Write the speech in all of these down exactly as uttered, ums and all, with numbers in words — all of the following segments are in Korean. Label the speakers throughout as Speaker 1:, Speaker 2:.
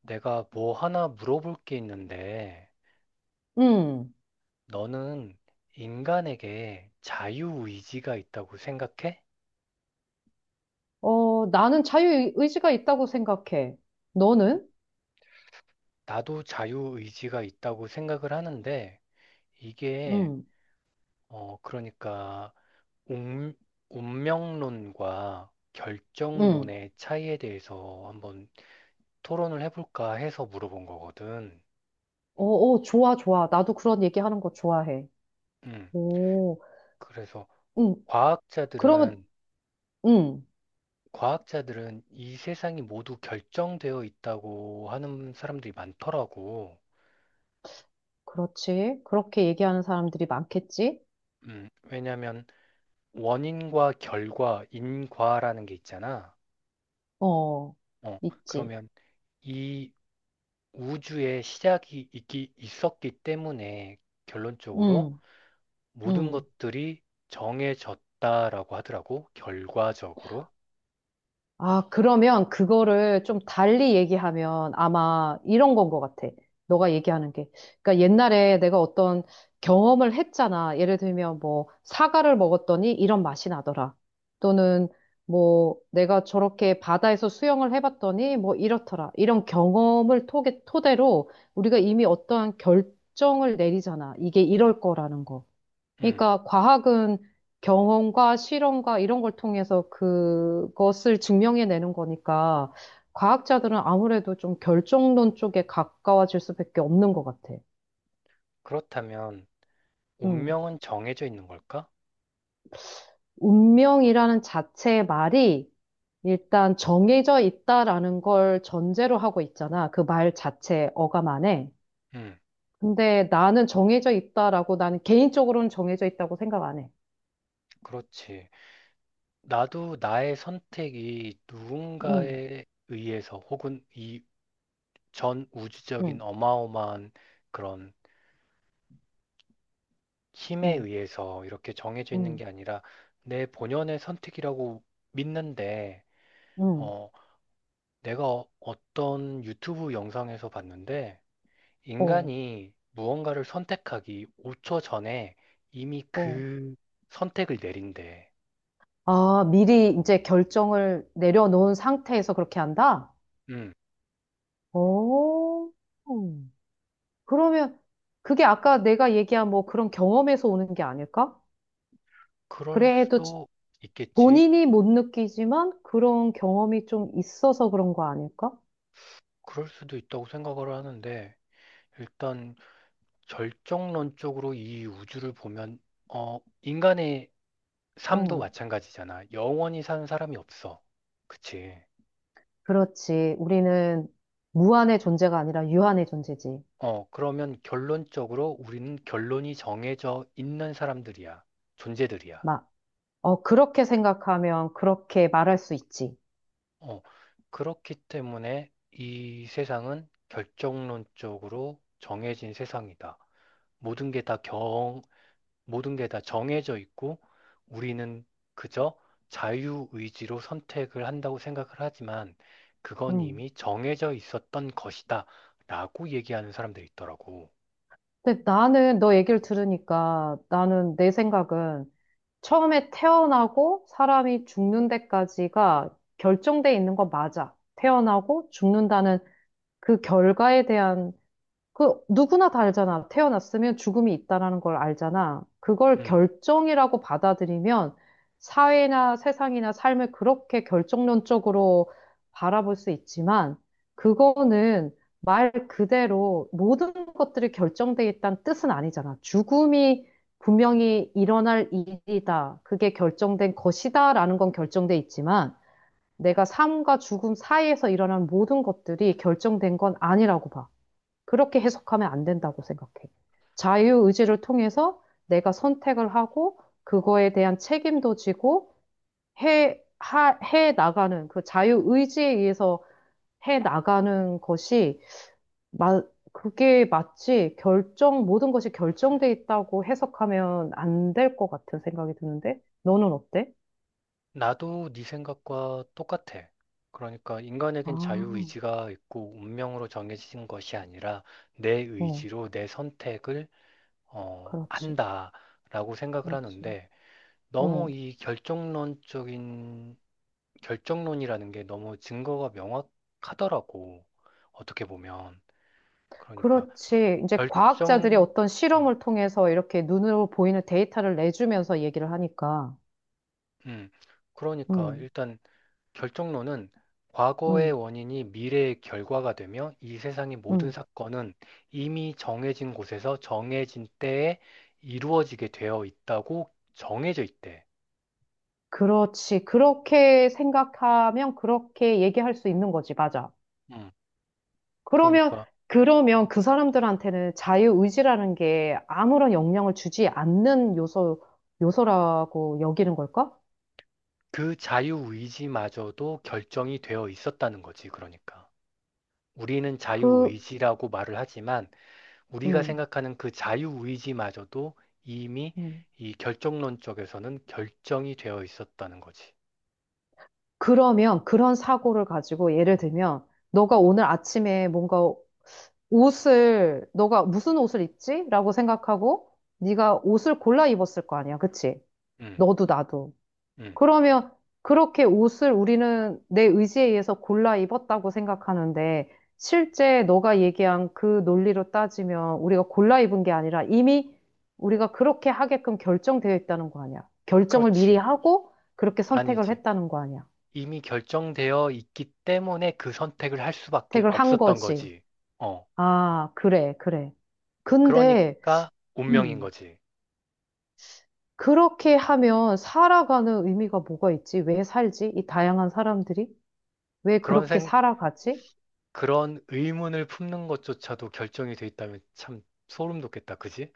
Speaker 1: 내가 뭐 하나 물어볼 게 있는데,
Speaker 2: 음.
Speaker 1: 너는 인간에게 자유의지가 있다고 생각해?
Speaker 2: 어, 나는 자유의지가 있다고 생각해. 너는?
Speaker 1: 나도 자유의지가 있다고 생각을 하는데, 이게,
Speaker 2: 음.
Speaker 1: 어, 그러니까, 운, 운명론과
Speaker 2: 음.
Speaker 1: 결정론의 차이에 대해서 한번 토론을 해볼까 해서 물어본 거거든.
Speaker 2: 어, 어, 좋아, 좋아. 나도 그런 얘기하는 거 좋아해.
Speaker 1: 음,
Speaker 2: 오.
Speaker 1: 그래서
Speaker 2: 음. 그러면
Speaker 1: 과학자들은
Speaker 2: 음.
Speaker 1: 과학자들은 이 세상이 모두 결정되어 있다고 하는 사람들이 많더라고.
Speaker 2: 그렇지. 그렇게 얘기하는 사람들이 많겠지?
Speaker 1: 음, 왜냐하면 원인과 결과, 인과라는 게 있잖아.
Speaker 2: 어.
Speaker 1: 어,
Speaker 2: 있지.
Speaker 1: 그러면 이 우주의 시작이 있기, 있었기 때문에 결론적으로
Speaker 2: 음.
Speaker 1: 모든
Speaker 2: 음.
Speaker 1: 것들이 정해졌다라고 하더라고. 결과적으로.
Speaker 2: 아, 그러면 그거를 좀 달리 얘기하면 아마 이런 건 것 같아. 너가 얘기하는 게. 그러니까 옛날에 내가 어떤 경험을 했잖아. 예를 들면 뭐 사과를 먹었더니 이런 맛이 나더라. 또는 뭐 내가 저렇게 바다에서 수영을 해봤더니 뭐 이렇더라. 이런 경험을 토 토대로 우리가 이미 어떠한 결정을 내리잖아. 이게 이럴 거라는 거.
Speaker 1: 음,
Speaker 2: 그러니까 과학은 경험과 실험과 이런 걸 통해서 그것을 증명해내는 거니까 과학자들은 아무래도 좀 결정론 쪽에 가까워질 수밖에 없는 것 같아.
Speaker 1: 그렇다면
Speaker 2: 음.
Speaker 1: 운명은 정해져 있는 걸까?
Speaker 2: 운명이라는 자체의 말이 일단 정해져 있다라는 걸 전제로 하고 있잖아. 그 말 자체 어감 안에.
Speaker 1: 음,
Speaker 2: 근데 나는 정해져 있다라고 나는 개인적으로는 정해져 있다고 생각 안 해.
Speaker 1: 그렇지. 나도 나의 선택이
Speaker 2: 응,
Speaker 1: 누군가에 의해서 혹은 이 전 우주적인
Speaker 2: 응,
Speaker 1: 어마어마한 그런 힘에
Speaker 2: 응,
Speaker 1: 의해서 이렇게 정해져 있는
Speaker 2: 응,
Speaker 1: 게 아니라 내 본연의 선택이라고 믿는데,
Speaker 2: 음.
Speaker 1: 어, 내가 어- 어떤 유튜브 영상에서 봤는데,
Speaker 2: 어,
Speaker 1: 인간이 무언가를 선택하기 오 초 전에 이미
Speaker 2: 어.
Speaker 1: 그 선택을 내린대.
Speaker 2: 아, 미리 이제 결정을 내려놓은 상태에서 그렇게 한다?
Speaker 1: 음,
Speaker 2: 오, 그러면 그게 아까 내가 얘기한 뭐 그런 경험에서 오는 게 아닐까?
Speaker 1: 그럴
Speaker 2: 그래도 지-
Speaker 1: 수도 있겠지.
Speaker 2: 본인이 못 느끼지만 그런 경험이 좀 있어서 그런 거 아닐까?
Speaker 1: 그럴 수도 있다고 생각을 하는데, 일단 절정론적으로 이 우주를 보면 어 인간의 삶도
Speaker 2: 어,
Speaker 1: 마찬가지잖아. 영원히 사는 사람이 없어. 그치?
Speaker 2: 그렇지. 우리는 무한의 존재가 아니라 유한의 존재지.
Speaker 1: 어 그러면 결론적으로 우리는 결론이 정해져 있는 사람들이야. 존재들이야.
Speaker 2: 막, 어, 그렇게 생각하면 그렇게 말할 수 있지.
Speaker 1: 어 그렇기 때문에 이 세상은 결정론적으로 정해진 세상이다. 모든 게다 모든 게 다 정해져 있고 우리는 그저 자유의지로 선택을 한다고 생각을 하지만 그건
Speaker 2: 음.
Speaker 1: 이미 정해져 있었던 것이다 라고 얘기하는 사람들이 있더라고.
Speaker 2: 근데 나는 너 얘기를 들으니까 나는 내 생각은 처음에 태어나고 사람이 죽는 데까지가 결정돼 있는 건 맞아. 태어나고 죽는다는 그 결과에 대한 그 누구나 다 알잖아. 태어났으면 죽음이 있다라는 걸 알잖아. 그걸
Speaker 1: 음,
Speaker 2: 결정이라고 받아들이면 사회나 세상이나 삶을 그렇게 결정론적으로 바라볼 수 있지만 그거는 말 그대로 모든 것들이 결정돼 있다는 뜻은 아니잖아. 죽음이 분명히 일어날 일이다. 그게 결정된 것이다라는 건 결정돼 있지만 내가 삶과 죽음 사이에서 일어난 모든 것들이 결정된 건 아니라고 봐. 그렇게 해석하면 안 된다고 생각해. 자유의지를 통해서 내가 선택을 하고 그거에 대한 책임도 지고 해, 하, 해 나가는 그 자유의지에 의해서 해 나가는 것이 마, 그게 마치 결정, 모든 것이 결정돼 있다고 해석하면 안 될 것 같은 생각이 드는데 너는 어때?
Speaker 1: 나도 네 생각과 똑같아. 그러니까
Speaker 2: 아,
Speaker 1: 인간에겐 자유의지가 있고 운명으로 정해진 것이 아니라 내
Speaker 2: 어,
Speaker 1: 의지로 내 선택을 어,
Speaker 2: 그렇지,
Speaker 1: 한다라고 생각을
Speaker 2: 그렇지.
Speaker 1: 하는데 너무
Speaker 2: 어.
Speaker 1: 이 결정론적인 결정론이라는 게 너무 증거가 명확하더라고. 어떻게 보면. 그러니까
Speaker 2: 그렇지. 이제 과학자들이
Speaker 1: 결정,
Speaker 2: 어떤
Speaker 1: 음,
Speaker 2: 실험을 통해서 이렇게 눈으로 보이는 데이터를 내주면서 얘기를 하니까.
Speaker 1: 음. 그러니까
Speaker 2: 음,
Speaker 1: 일단 결정론은 과거의
Speaker 2: 음,
Speaker 1: 원인이 미래의 결과가 되며 이 세상의 모든
Speaker 2: 음.
Speaker 1: 사건은 이미 정해진 곳에서 정해진 때에 이루어지게 되어 있다고 정해져 있대.
Speaker 2: 그렇지. 그렇게 생각하면 그렇게 얘기할 수 있는 거지. 맞아.
Speaker 1: 음.
Speaker 2: 그러면,
Speaker 1: 그러니까
Speaker 2: 그러면 그 사람들한테는 자유의지라는 게 아무런 영향을 주지 않는 요소, 요소라고 여기는 걸까?
Speaker 1: 그 자유의지마저도 결정이 되어 있었다는 거지. 그러니까. 우리는
Speaker 2: 그,
Speaker 1: 자유의지라고 말을 하지만 우리가
Speaker 2: 음,
Speaker 1: 생각하는 그 자유의지마저도 이미
Speaker 2: 음.
Speaker 1: 이 결정론 쪽에서는 결정이 되어 있었다는 거지.
Speaker 2: 그러면 그런 사고를 가지고 예를 들면 너가 오늘 아침에 뭔가 옷을 너가 무슨 옷을 입지? 라고 생각하고 네가 옷을 골라 입었을 거 아니야. 그치?
Speaker 1: 음,
Speaker 2: 너도 나도.
Speaker 1: 음.
Speaker 2: 그러면 그렇게 옷을 우리는 내 의지에 의해서 골라 입었다고 생각하는데 실제 너가 얘기한 그 논리로 따지면 우리가 골라 입은 게 아니라 이미 우리가 그렇게 하게끔 결정되어 있다는 거 아니야. 결정을 미리
Speaker 1: 그렇지.
Speaker 2: 하고 그렇게 선택을
Speaker 1: 아니지.
Speaker 2: 했다는 거 아니야.
Speaker 1: 이미 결정되어 있기 때문에 그 선택을 할 수밖에
Speaker 2: 선택을 한
Speaker 1: 없었던
Speaker 2: 거지.
Speaker 1: 거지. 어.
Speaker 2: 아, 그래, 그래. 근데
Speaker 1: 그러니까 운명인
Speaker 2: 음.
Speaker 1: 거지.
Speaker 2: 그렇게 하면 살아가는 의미가 뭐가 있지? 왜 살지? 이 다양한 사람들이 왜
Speaker 1: 그런
Speaker 2: 그렇게
Speaker 1: 생,
Speaker 2: 살아가지?
Speaker 1: 그런 의문을 품는 것조차도 결정이 돼 있다면 참 소름 돋겠다. 그지?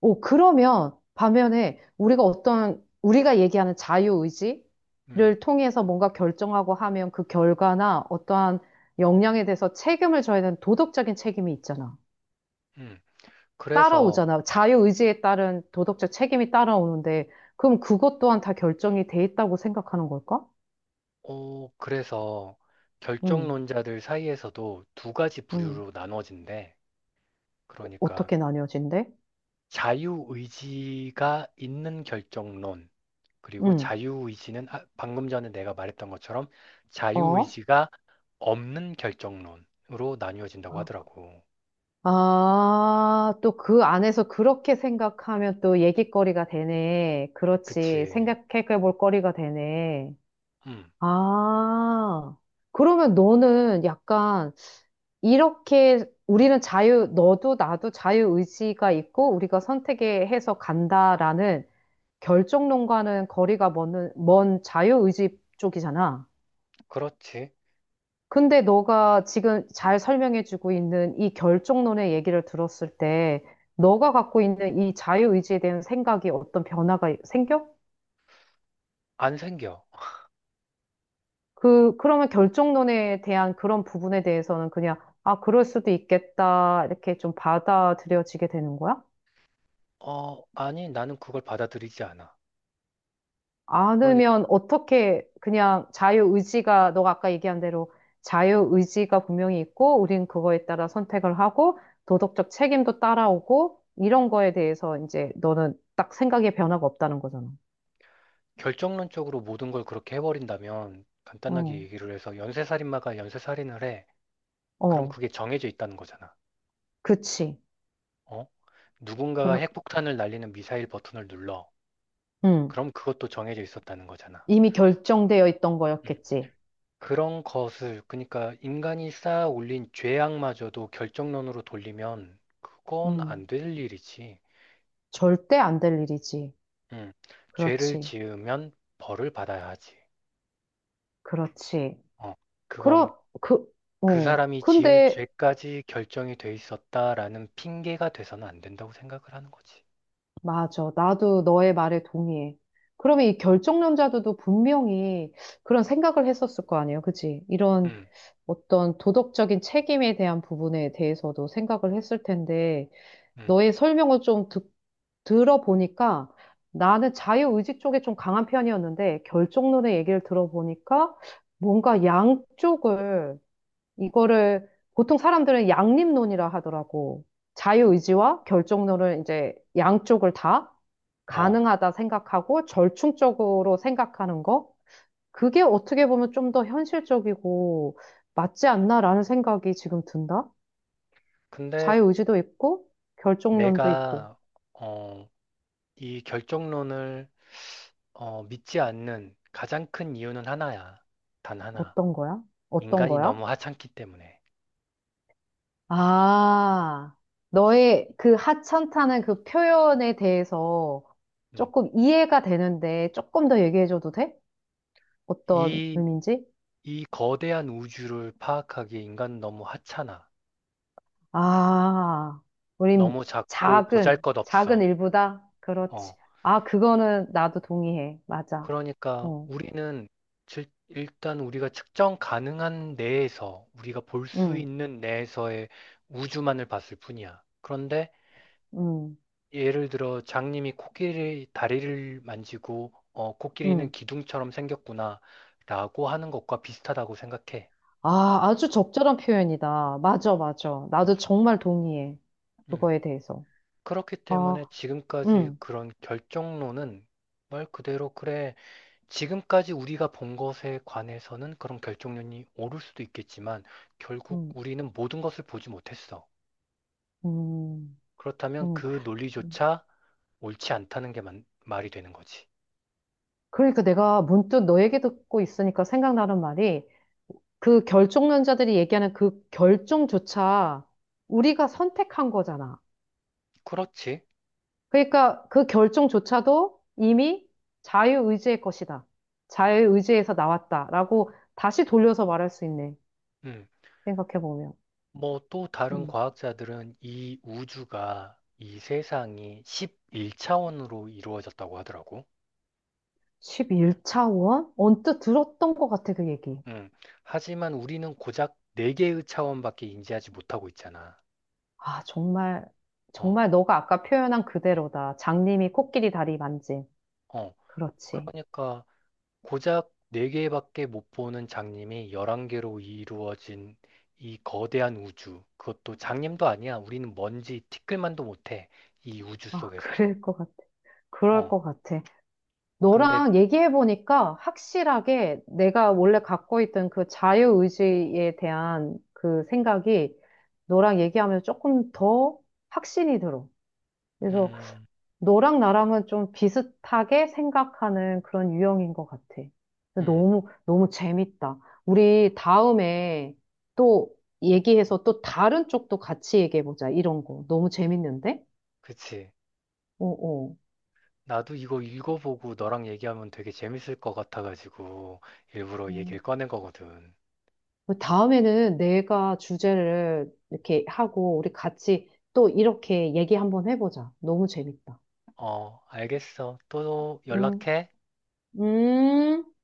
Speaker 2: 오, 그러면 반면에 우리가 어떤, 우리가 얘기하는 자유의지를
Speaker 1: 음,
Speaker 2: 통해서 뭔가 결정하고 하면 그 결과나 어떠한 역량에 대해서 책임을 져야 되는 도덕적인 책임이 있잖아.
Speaker 1: 음. 그래서
Speaker 2: 따라오잖아. 자유의지에 따른 도덕적 책임이 따라오는데, 그럼 그것 또한 다 결정이 돼 있다고 생각하는 걸까?
Speaker 1: 어, 그래서
Speaker 2: 응,
Speaker 1: 결정론자들 사이에서도 두 가지
Speaker 2: 응.
Speaker 1: 부류로 나눠진대.
Speaker 2: 어,
Speaker 1: 그러니까
Speaker 2: 어떻게 나뉘어진대?
Speaker 1: 자유의지가 있는 결정론, 그리고
Speaker 2: 응,
Speaker 1: 자유의지는 아, 방금 전에 내가 말했던 것처럼
Speaker 2: 어?
Speaker 1: 자유의지가 없는 결정론으로 나뉘어진다고 하더라고.
Speaker 2: 아, 또 그 안에서 그렇게 생각하면 또 얘기거리가 되네. 그렇지.
Speaker 1: 그치.
Speaker 2: 생각해 볼 거리가 되네.
Speaker 1: 음,
Speaker 2: 아, 그러면 너는 약간 이렇게 우리는 자유, 너도 나도 자유의지가 있고 우리가 선택에 해서 간다라는 결정론과는 거리가 먼, 먼 자유의지 쪽이잖아.
Speaker 1: 그렇지.
Speaker 2: 근데 너가 지금 잘 설명해주고 있는 이 결정론의 얘기를 들었을 때, 너가 갖고 있는 이 자유의지에 대한 생각이 어떤 변화가 생겨?
Speaker 1: 안 생겨.
Speaker 2: 그, 그러면 결정론에 대한 그런 부분에 대해서는 그냥, 아, 그럴 수도 있겠다, 이렇게 좀 받아들여지게 되는 거야?
Speaker 1: 어, 아니, 나는 그걸 받아들이지 않아. 그러니까
Speaker 2: 않으면 어떻게 그냥 자유의지가 너가 아까 얘기한 대로 자유의지가 분명히 있고 우린 그거에 따라 선택을 하고 도덕적 책임도 따라오고 이런 거에 대해서 이제 너는 딱 생각의 변화가 없다는 거잖아.
Speaker 1: 결정론적으로 모든 걸 그렇게 해버린다면 간단하게
Speaker 2: 어,
Speaker 1: 얘기를 해서 연쇄살인마가 연쇄살인을 해. 그럼
Speaker 2: 어,
Speaker 1: 그게 정해져 있다는 거잖아.
Speaker 2: 그치.
Speaker 1: 어? 누군가가
Speaker 2: 그럼,
Speaker 1: 핵폭탄을 날리는 미사일 버튼을 눌러.
Speaker 2: 음,
Speaker 1: 그럼 그것도 정해져 있었다는 거잖아.
Speaker 2: 이미 결정되어 있던
Speaker 1: 음.
Speaker 2: 거였겠지.
Speaker 1: 그런 것을, 그러니까 인간이 쌓아 올린 죄악마저도 결정론으로 돌리면 그건
Speaker 2: 음,
Speaker 1: 안 될 일이지.
Speaker 2: 절대 안 될 일이지.
Speaker 1: 음. 죄를
Speaker 2: 그렇지,
Speaker 1: 지으면 벌을 받아야 하지.
Speaker 2: 그렇지.
Speaker 1: 어. 그건.
Speaker 2: 그러, 그,
Speaker 1: 그
Speaker 2: 어,
Speaker 1: 사람이 지을
Speaker 2: 근데
Speaker 1: 죄까지 결정이 돼 있었다라는 핑계가 돼서는 안 된다고 생각을 하는 거지.
Speaker 2: 맞아. 나도 너의 말에 동의해. 그러면 이 결정론자들도 분명히 그런 생각을 했었을 거 아니에요. 그치? 이런
Speaker 1: 음,
Speaker 2: 어떤 도덕적인 책임에 대한 부분에 대해서도 생각을 했을 텐데,
Speaker 1: 음,
Speaker 2: 너의 설명을 좀 듣, 들어보니까 나는 자유의지 쪽에 좀 강한 편이었는데, 결정론의 얘기를 들어보니까 뭔가 양쪽을, 이거를 보통 사람들은 양립론이라 하더라고. 자유의지와 결정론을 이제 양쪽을 다
Speaker 1: 어,
Speaker 2: 가능하다 생각하고 절충적으로 생각하는 거? 그게 어떻게 보면 좀 더 현실적이고 맞지 않나라는 생각이 지금 든다?
Speaker 1: 근데
Speaker 2: 자유의지도 있고 결정론도 있고
Speaker 1: 내가, 어, 이 결정론을, 어, 믿지 않는 가장 큰 이유는 하나야. 단 하나.
Speaker 2: 어떤 거야? 어떤
Speaker 1: 인간이
Speaker 2: 거야?
Speaker 1: 너무 하찮기 때문에.
Speaker 2: 아, 너의 그 하찮다는 그 표현에 대해서
Speaker 1: 음,
Speaker 2: 조금 이해가 되는데 조금 더 얘기해줘도 돼? 어떤
Speaker 1: 이,
Speaker 2: 의미인지?
Speaker 1: 이 거대한 우주를 파악하기에 인간은 너무 하찮아.
Speaker 2: 아, 우린
Speaker 1: 너무 작고
Speaker 2: 작은, 작은
Speaker 1: 보잘것없어.
Speaker 2: 일부다? 그렇지.
Speaker 1: 어,
Speaker 2: 아, 그거는 나도 동의해. 맞아.
Speaker 1: 그러니까
Speaker 2: 어,
Speaker 1: 우리는 질- 일단 우리가 측정 가능한 내에서 우리가 볼 수
Speaker 2: 응,
Speaker 1: 있는 내에서의 우주만을 봤을 뿐이야. 그런데
Speaker 2: 응,
Speaker 1: 예를 들어 장님이 코끼리 다리를 만지고 어, 코끼리는
Speaker 2: 응.
Speaker 1: 기둥처럼 생겼구나라고 하는 것과 비슷하다고 생각해.
Speaker 2: 아, 아주 적절한 표현이다. 맞아, 맞아. 나도 정말 동의해.
Speaker 1: 음.
Speaker 2: 그거에 대해서.
Speaker 1: 그렇기
Speaker 2: 아,
Speaker 1: 때문에 지금까지
Speaker 2: 응,
Speaker 1: 그런 결정론은 말 그대로 그래. 지금까지 우리가 본 것에 관해서는 그런 결정론이 옳을 수도 있겠지만 결국
Speaker 2: 응,
Speaker 1: 우리는 모든 것을 보지 못했어.
Speaker 2: 응,
Speaker 1: 그렇다면
Speaker 2: 응.
Speaker 1: 그 논리조차 옳지 않다는 게 만- 말이 되는 거지.
Speaker 2: 그러니까 내가 문득 너 얘기 듣고 있으니까 생각나는 말이 그 결정론자들이 얘기하는 그 결정조차 우리가 선택한 거잖아.
Speaker 1: 그렇지.
Speaker 2: 그러니까 그 결정조차도 이미 자유의지의 것이다. 자유의지에서 나왔다라고 다시 돌려서 말할 수 있네.
Speaker 1: 음.
Speaker 2: 생각해보면.
Speaker 1: 뭐 또 다른
Speaker 2: 음.
Speaker 1: 과학자들은 이 우주가 이 세상이 십일 차원으로 이루어졌다고 하더라고.
Speaker 2: 십일 차원? 언뜻 들었던 것 같아, 그 얘기.
Speaker 1: 음. 하지만 우리는 고작 네 개의 차원밖에 인지하지 못하고 있잖아.
Speaker 2: 아, 정말,
Speaker 1: 어,
Speaker 2: 정말 너가 아까 표현한 그대로다. 장님이 코끼리 다리 만짐.
Speaker 1: 어.
Speaker 2: 그렇지.
Speaker 1: 그러니까 고작 네 개밖에 못 보는 장님이 열한 개로 이루어진 이 거대한 우주. 그것도 장님도 아니야. 우리는 먼지 티끌만도 못해. 이 우주
Speaker 2: 아,
Speaker 1: 속에서.
Speaker 2: 그럴 것 같아. 그럴
Speaker 1: 어.
Speaker 2: 것 같아.
Speaker 1: 근데
Speaker 2: 너랑 얘기해보니까 확실하게 내가 원래 갖고 있던 그 자유의지에 대한 그 생각이 너랑 얘기하면 조금 더 확신이 들어. 그래서
Speaker 1: 음,
Speaker 2: 너랑 나랑은 좀 비슷하게 생각하는 그런 유형인 것 같아.
Speaker 1: 음.
Speaker 2: 너무, 너무 재밌다. 우리 다음에 또 얘기해서 또 다른 쪽도 같이 얘기해보자. 이런 거. 너무 재밌는데?
Speaker 1: 그치.
Speaker 2: 어, 어.
Speaker 1: 나도 이거 읽어보고 너랑 얘기하면 되게 재밌을 것 같아가지고 일부러
Speaker 2: 어.
Speaker 1: 얘기를 꺼낸 거거든.
Speaker 2: 다음에는 내가 주제를 이렇게 하고 우리 같이 또 이렇게 얘기 한번 해보자. 너무 재밌다.
Speaker 1: 어, 알겠어. 또
Speaker 2: 음,
Speaker 1: 연락해.
Speaker 2: 음.